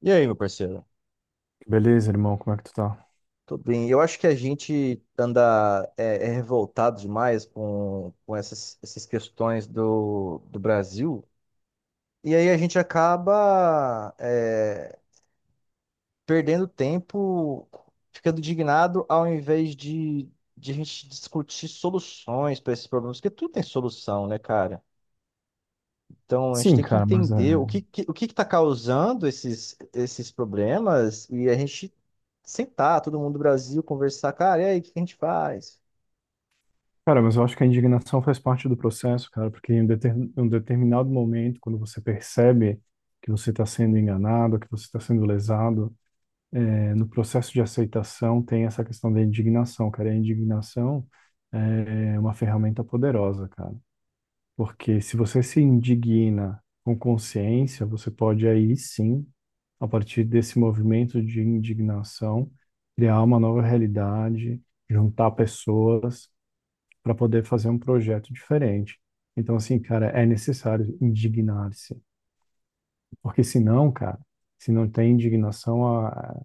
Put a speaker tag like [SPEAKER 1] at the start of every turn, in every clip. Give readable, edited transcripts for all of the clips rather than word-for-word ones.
[SPEAKER 1] E aí, meu parceiro?
[SPEAKER 2] Beleza, irmão, como é que tu tá?
[SPEAKER 1] Tudo bem? Eu acho que a gente anda é revoltado demais com essas questões do Brasil. E aí a gente acaba perdendo tempo, ficando indignado, ao invés de a gente discutir soluções para esses problemas, porque tudo tem solução, né, cara? Então, a gente
[SPEAKER 2] Sim,
[SPEAKER 1] tem que
[SPEAKER 2] cara, mas é...
[SPEAKER 1] entender o que está causando esses problemas e a gente sentar, todo mundo do Brasil, conversar, cara, e aí, o que que a gente faz?
[SPEAKER 2] Cara, mas eu acho que a indignação faz parte do processo, cara, porque em um determinado momento, quando você percebe que você está sendo enganado, que você está sendo lesado, é, no processo de aceitação tem essa questão da indignação, cara. E a indignação é uma ferramenta poderosa, cara. Porque se você se indigna com consciência, você pode aí sim, a partir desse movimento de indignação, criar uma nova realidade, juntar pessoas para poder fazer um projeto diferente. Então, assim, cara, é necessário indignar-se. Porque senão, cara, se não tem indignação, a,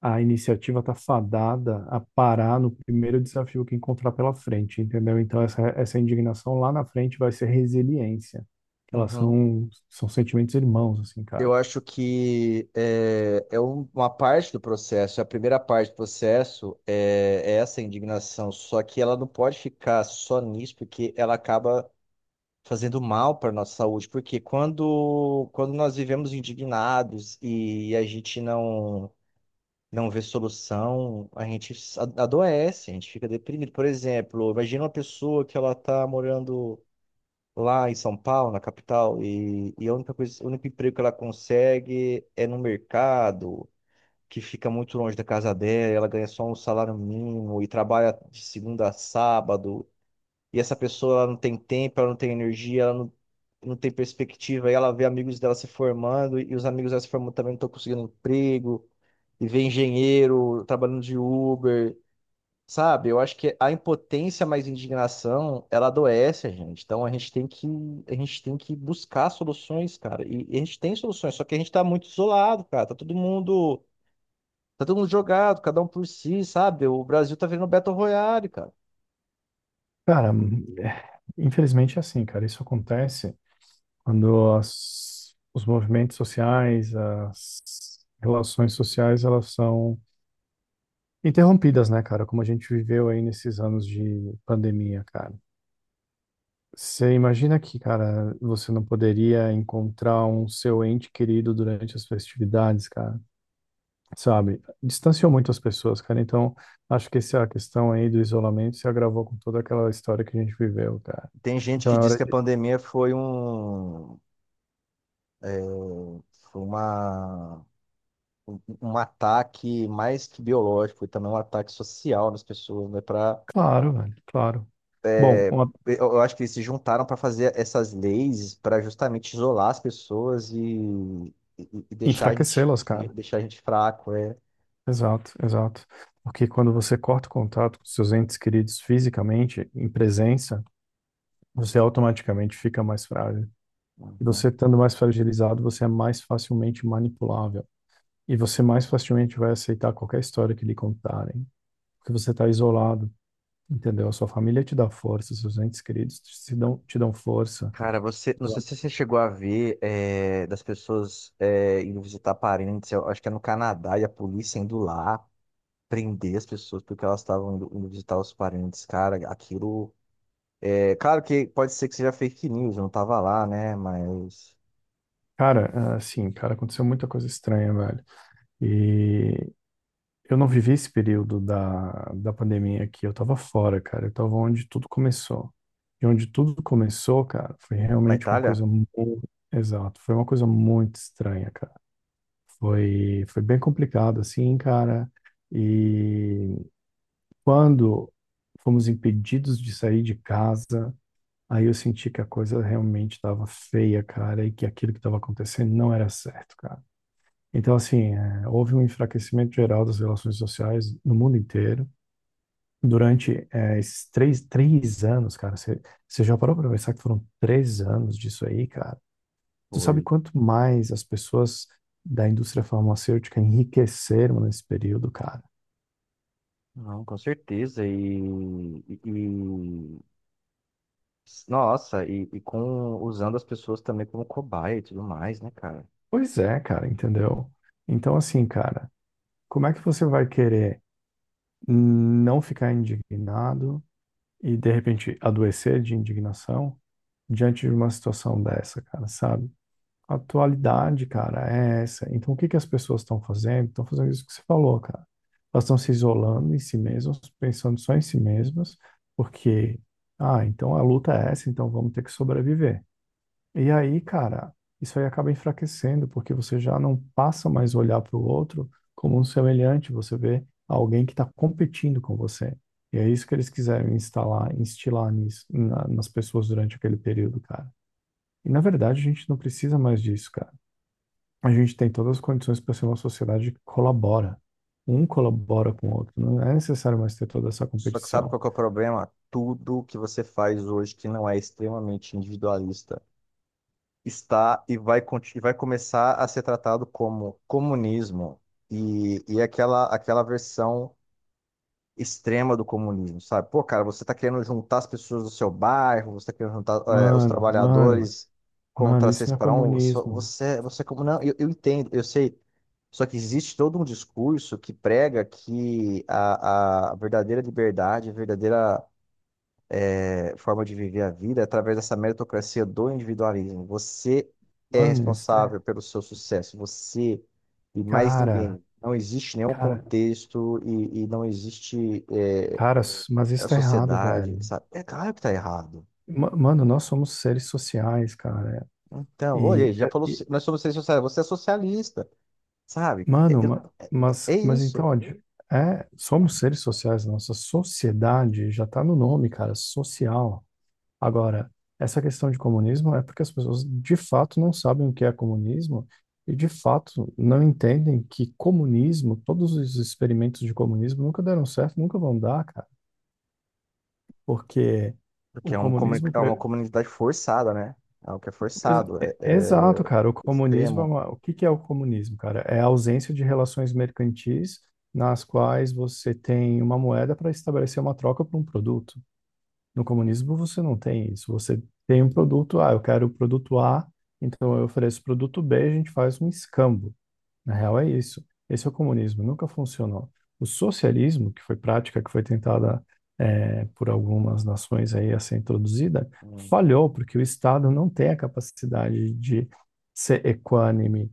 [SPEAKER 2] a iniciativa está fadada a parar no primeiro desafio que encontrar pela frente, entendeu? Então, essa indignação lá na frente vai ser resiliência. Elas
[SPEAKER 1] Uhum.
[SPEAKER 2] são sentimentos irmãos, assim, cara.
[SPEAKER 1] Eu acho que uma parte do processo, a primeira parte do processo é essa indignação, só que ela não pode ficar só nisso, porque ela acaba fazendo mal para nossa saúde, porque quando nós vivemos indignados e a gente não vê solução, a gente adoece, a gente fica deprimido. Por exemplo, imagina uma pessoa que ela tá morando lá em São Paulo, na capital, e a única coisa, o único emprego que ela consegue é no mercado, que fica muito longe da casa dela, ela ganha só um salário mínimo e trabalha de segunda a sábado. E essa pessoa ela não tem tempo, ela não tem energia, ela não, não tem perspectiva. E ela vê amigos dela se formando e os amigos dela se formando também não estão conseguindo emprego e ver engenheiro trabalhando de Uber, sabe? Eu acho que a impotência mais indignação, ela adoece a gente. Então a gente tem que buscar soluções, cara. E a gente tem soluções, só que a gente tá muito isolado, cara. Tá todo mundo jogado, cada um por si, sabe? O Brasil tá virando Battle Royale, cara.
[SPEAKER 2] Cara, é, infelizmente é assim, cara. Isso acontece quando os movimentos sociais, as relações sociais, elas são interrompidas, né, cara? Como a gente viveu aí nesses anos de pandemia, cara. Você imagina que, cara, você não poderia encontrar um seu ente querido durante as festividades, cara, sabe? Distanciou muito as pessoas, cara. Então, acho que essa questão aí do isolamento se agravou com toda aquela história que a gente viveu, cara.
[SPEAKER 1] Tem gente
[SPEAKER 2] Então
[SPEAKER 1] que
[SPEAKER 2] é
[SPEAKER 1] diz
[SPEAKER 2] hora
[SPEAKER 1] que a
[SPEAKER 2] de.
[SPEAKER 1] pandemia foi uma um um ataque mais que biológico, e também um ataque social nas pessoas, né, para
[SPEAKER 2] Claro, velho, claro. Bom,
[SPEAKER 1] eu acho que eles se juntaram para fazer essas leis para justamente isolar as pessoas e deixar a gente
[SPEAKER 2] enfraquecê-las,
[SPEAKER 1] e
[SPEAKER 2] cara.
[SPEAKER 1] deixar a gente fraco, é.
[SPEAKER 2] Exato, exato. Porque quando você corta o contato com seus entes queridos fisicamente, em presença, você automaticamente fica mais frágil. E você
[SPEAKER 1] Uhum.
[SPEAKER 2] estando mais fragilizado, você é mais facilmente manipulável. E você mais facilmente vai aceitar qualquer história que lhe contarem, porque você está isolado, entendeu? A sua família te dá força, seus entes queridos te dão força.
[SPEAKER 1] Cara, você, não sei se você chegou a ver das pessoas indo visitar parentes, eu acho que é no Canadá, e a polícia indo lá prender as pessoas porque elas estavam indo visitar os parentes, cara, aquilo. É, claro que pode ser que seja fake news, eu não tava lá, né, mas.
[SPEAKER 2] Cara, assim, cara, aconteceu muita coisa estranha, velho. E eu não vivi esse período da pandemia aqui, eu tava fora, cara, eu tava onde tudo começou. E onde tudo começou, cara, foi
[SPEAKER 1] Na
[SPEAKER 2] realmente uma
[SPEAKER 1] Itália?
[SPEAKER 2] coisa muito, exato, foi uma coisa muito estranha, cara. Foi, foi bem complicado, assim, cara. E quando fomos impedidos de sair de casa, aí eu senti que a coisa realmente estava feia, cara, e que aquilo que estava acontecendo não era certo, cara. Então, assim, é, houve um enfraquecimento geral das relações sociais no mundo inteiro. Durante, é, esses três anos, cara, você já parou para pensar que foram três anos disso aí, cara? Tu sabe
[SPEAKER 1] Foi.
[SPEAKER 2] quanto mais as pessoas da indústria farmacêutica enriqueceram nesse período, cara?
[SPEAKER 1] Não, com certeza. Nossa, e com usando as pessoas também como cobaia e tudo mais, né, cara?
[SPEAKER 2] Pois é, cara, entendeu? Então, assim, cara, como é que você vai querer não ficar indignado e, de repente, adoecer de indignação diante de uma situação dessa, cara, sabe? A atualidade, cara, é essa. Então, o que que as pessoas estão fazendo? Estão fazendo isso que você falou, cara. Elas estão se isolando em si mesmas, pensando só em si mesmas, porque, ah, então a luta é essa, então vamos ter que sobreviver. E aí, cara, isso aí acaba enfraquecendo, porque você já não passa mais a olhar para o outro como um semelhante, você vê alguém que está competindo com você. E é isso que eles quiseram instalar, instilar nisso, nas pessoas durante aquele período, cara. E na verdade, a gente não precisa mais disso, cara, a gente tem todas as condições para ser uma sociedade que colabora. Um colabora com o outro. Não é necessário mais ter toda essa
[SPEAKER 1] Só que sabe qual
[SPEAKER 2] competição.
[SPEAKER 1] que é o problema? Tudo que você faz hoje que não é extremamente individualista está e vai, conti- e vai começar a ser tratado como comunismo. Aquela versão extrema do comunismo, sabe? Pô, cara, você tá querendo juntar as pessoas do seu bairro, você tá querendo juntar os
[SPEAKER 2] Mano, mano,
[SPEAKER 1] trabalhadores
[SPEAKER 2] mano,
[SPEAKER 1] contra
[SPEAKER 2] isso
[SPEAKER 1] seis
[SPEAKER 2] não é
[SPEAKER 1] para um,
[SPEAKER 2] comunismo.
[SPEAKER 1] você, você é como não, eu, entendo, eu sei, só que existe todo um discurso que prega que a verdadeira liberdade, forma de viver a vida é através dessa meritocracia do individualismo. Você é
[SPEAKER 2] Mano, isso
[SPEAKER 1] responsável
[SPEAKER 2] tá.
[SPEAKER 1] pelo seu sucesso, você e mais
[SPEAKER 2] Cara,
[SPEAKER 1] ninguém. Não existe nenhum
[SPEAKER 2] cara,
[SPEAKER 1] contexto e não existe
[SPEAKER 2] cara, mas
[SPEAKER 1] é
[SPEAKER 2] isso
[SPEAKER 1] a
[SPEAKER 2] tá errado,
[SPEAKER 1] sociedade,
[SPEAKER 2] velho.
[SPEAKER 1] sabe? É claro que tá errado.
[SPEAKER 2] Mano, nós somos seres sociais, cara.
[SPEAKER 1] Então, olha,
[SPEAKER 2] E,
[SPEAKER 1] ele já falou,
[SPEAKER 2] e-
[SPEAKER 1] nós somos seres sociais, você é socialista, sabe?
[SPEAKER 2] mano, ma- mas,
[SPEAKER 1] É, é
[SPEAKER 2] mas
[SPEAKER 1] isso.
[SPEAKER 2] então, ó, é, somos seres sociais. Nossa sociedade já tá no nome, cara, social. Agora, essa questão de comunismo é porque as pessoas de fato não sabem o que é comunismo e de fato não entendem que comunismo, todos os experimentos de comunismo nunca deram certo, nunca vão dar, cara. Porque
[SPEAKER 1] Porque
[SPEAKER 2] o
[SPEAKER 1] é uma,
[SPEAKER 2] comunismo.
[SPEAKER 1] é uma comunidade forçada, né? É algo que é forçado,
[SPEAKER 2] Exato, cara. O
[SPEAKER 1] é
[SPEAKER 2] comunismo é
[SPEAKER 1] extremo,
[SPEAKER 2] uma... O que que é o comunismo, cara? É a ausência de relações mercantis nas quais você tem uma moeda para estabelecer uma troca por um produto. No comunismo você não tem isso. Você tem um produto A, eu quero o produto A, então eu ofereço o produto B, a gente faz um escambo. Na real é isso. Esse é o comunismo, nunca funcionou. O socialismo, que foi prática que foi tentada é, por algumas nações aí a ser introduzida,
[SPEAKER 1] hum,
[SPEAKER 2] falhou porque o Estado não tem a capacidade de ser equânime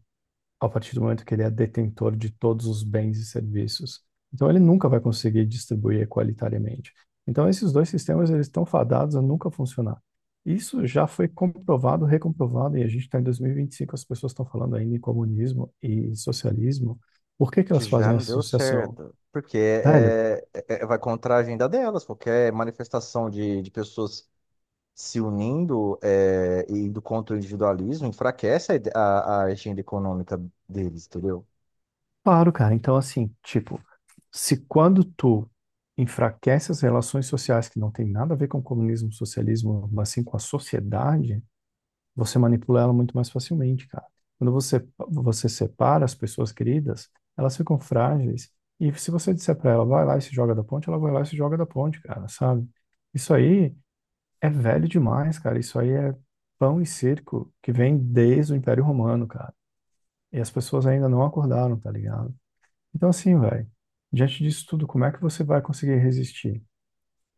[SPEAKER 2] a partir do momento que ele é detentor de todos os bens e serviços. Então ele nunca vai conseguir distribuir equalitariamente. Então esses dois sistemas eles estão fadados a nunca funcionar. Isso já foi comprovado, recomprovado, e a gente está em 2025, as pessoas estão falando ainda em comunismo e socialismo. Por que que
[SPEAKER 1] que
[SPEAKER 2] elas
[SPEAKER 1] já
[SPEAKER 2] fazem
[SPEAKER 1] não
[SPEAKER 2] essa
[SPEAKER 1] deu
[SPEAKER 2] associação?
[SPEAKER 1] certo. Porque
[SPEAKER 2] Velho,
[SPEAKER 1] vai contra a agenda delas, qualquer manifestação de pessoas se unindo e indo contra o individualismo enfraquece a agenda econômica deles, entendeu?
[SPEAKER 2] claro, cara. Então, assim, tipo, se quando tu enfraquece as relações sociais, que não tem nada a ver com comunismo, socialismo, mas sim com a sociedade, você manipula ela muito mais facilmente, cara. Quando você, você separa as pessoas queridas, elas ficam frágeis. E se você disser para ela, vai lá e se joga da ponte, ela vai lá e se joga da ponte, cara, sabe? Isso aí é velho demais, cara. Isso aí é pão e circo que vem desde o Império Romano, cara. E as pessoas ainda não acordaram, tá ligado? Então, assim, velho, diante disso tudo, como é que você vai conseguir resistir?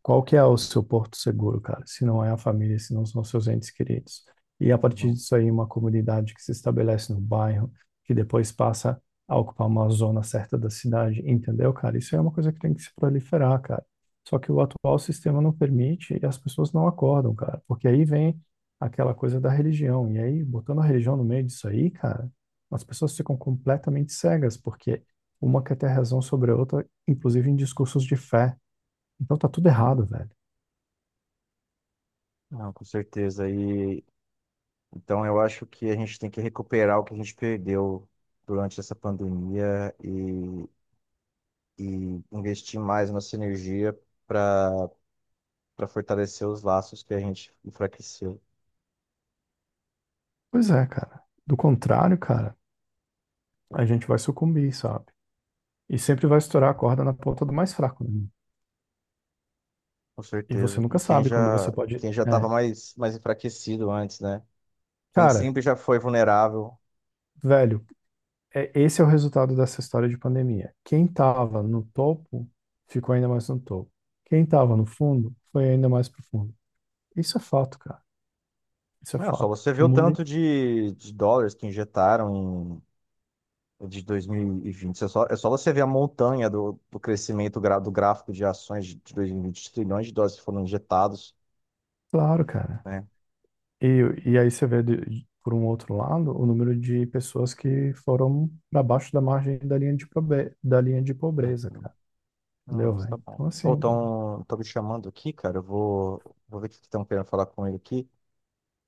[SPEAKER 2] Qual que é o seu porto seguro, cara? Se não é a família, se não são seus entes queridos. E a partir
[SPEAKER 1] Uhum.
[SPEAKER 2] disso aí, uma comunidade que se estabelece no bairro, que depois passa a ocupar uma zona certa da cidade, entendeu, cara? Isso é uma coisa que tem que se proliferar, cara. Só que o atual sistema não permite e as pessoas não acordam, cara. Porque aí vem aquela coisa da religião. E aí, botando a religião no meio disso aí, cara, as pessoas ficam completamente cegas, porque uma quer ter razão sobre a outra, inclusive em discursos de fé. Então tá tudo errado, velho.
[SPEAKER 1] Não, com certeza. E então eu acho que a gente tem que recuperar o que a gente perdeu durante essa pandemia e investir mais nossa energia para para fortalecer os laços que a gente enfraqueceu.
[SPEAKER 2] Pois é, cara. Do contrário, cara, a gente vai sucumbir, sabe? E sempre vai estourar a corda na ponta do mais fraco, né?
[SPEAKER 1] Com
[SPEAKER 2] E você
[SPEAKER 1] certeza.
[SPEAKER 2] nunca
[SPEAKER 1] E
[SPEAKER 2] sabe quando você pode.
[SPEAKER 1] quem já estava
[SPEAKER 2] É.
[SPEAKER 1] mais enfraquecido antes, né? Quem
[SPEAKER 2] Cara,
[SPEAKER 1] sempre já foi vulnerável.
[SPEAKER 2] velho, é, esse é o resultado dessa história de pandemia. Quem tava no topo ficou ainda mais no topo. Quem tava no fundo foi ainda mais pro fundo. Isso é fato, cara. Isso é
[SPEAKER 1] Olha só,
[SPEAKER 2] fato.
[SPEAKER 1] você vê
[SPEAKER 2] No
[SPEAKER 1] o
[SPEAKER 2] mundo,
[SPEAKER 1] tanto de dólares que injetaram de 2020. É só você ver a montanha do crescimento do gráfico de ações de 2020, os trilhões de dólares que foram injetados,
[SPEAKER 2] claro, cara.
[SPEAKER 1] né?
[SPEAKER 2] E, e aí você vê, por um outro lado, o número de pessoas que foram para baixo da margem da linha de pobreza,
[SPEAKER 1] É.
[SPEAKER 2] cara. Entendeu,
[SPEAKER 1] Não, isso
[SPEAKER 2] velho?
[SPEAKER 1] tá bom.
[SPEAKER 2] Então,
[SPEAKER 1] Ou
[SPEAKER 2] assim, né?
[SPEAKER 1] estão me chamando aqui, cara. Vou ver o que estão querendo falar com ele aqui.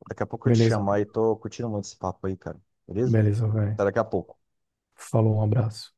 [SPEAKER 1] Daqui a pouco eu te
[SPEAKER 2] Beleza,
[SPEAKER 1] chamo
[SPEAKER 2] mano.
[SPEAKER 1] aí. Tô curtindo muito esse papo aí, cara. Beleza?
[SPEAKER 2] Beleza, velho.
[SPEAKER 1] Até daqui a pouco.
[SPEAKER 2] Falou, um abraço.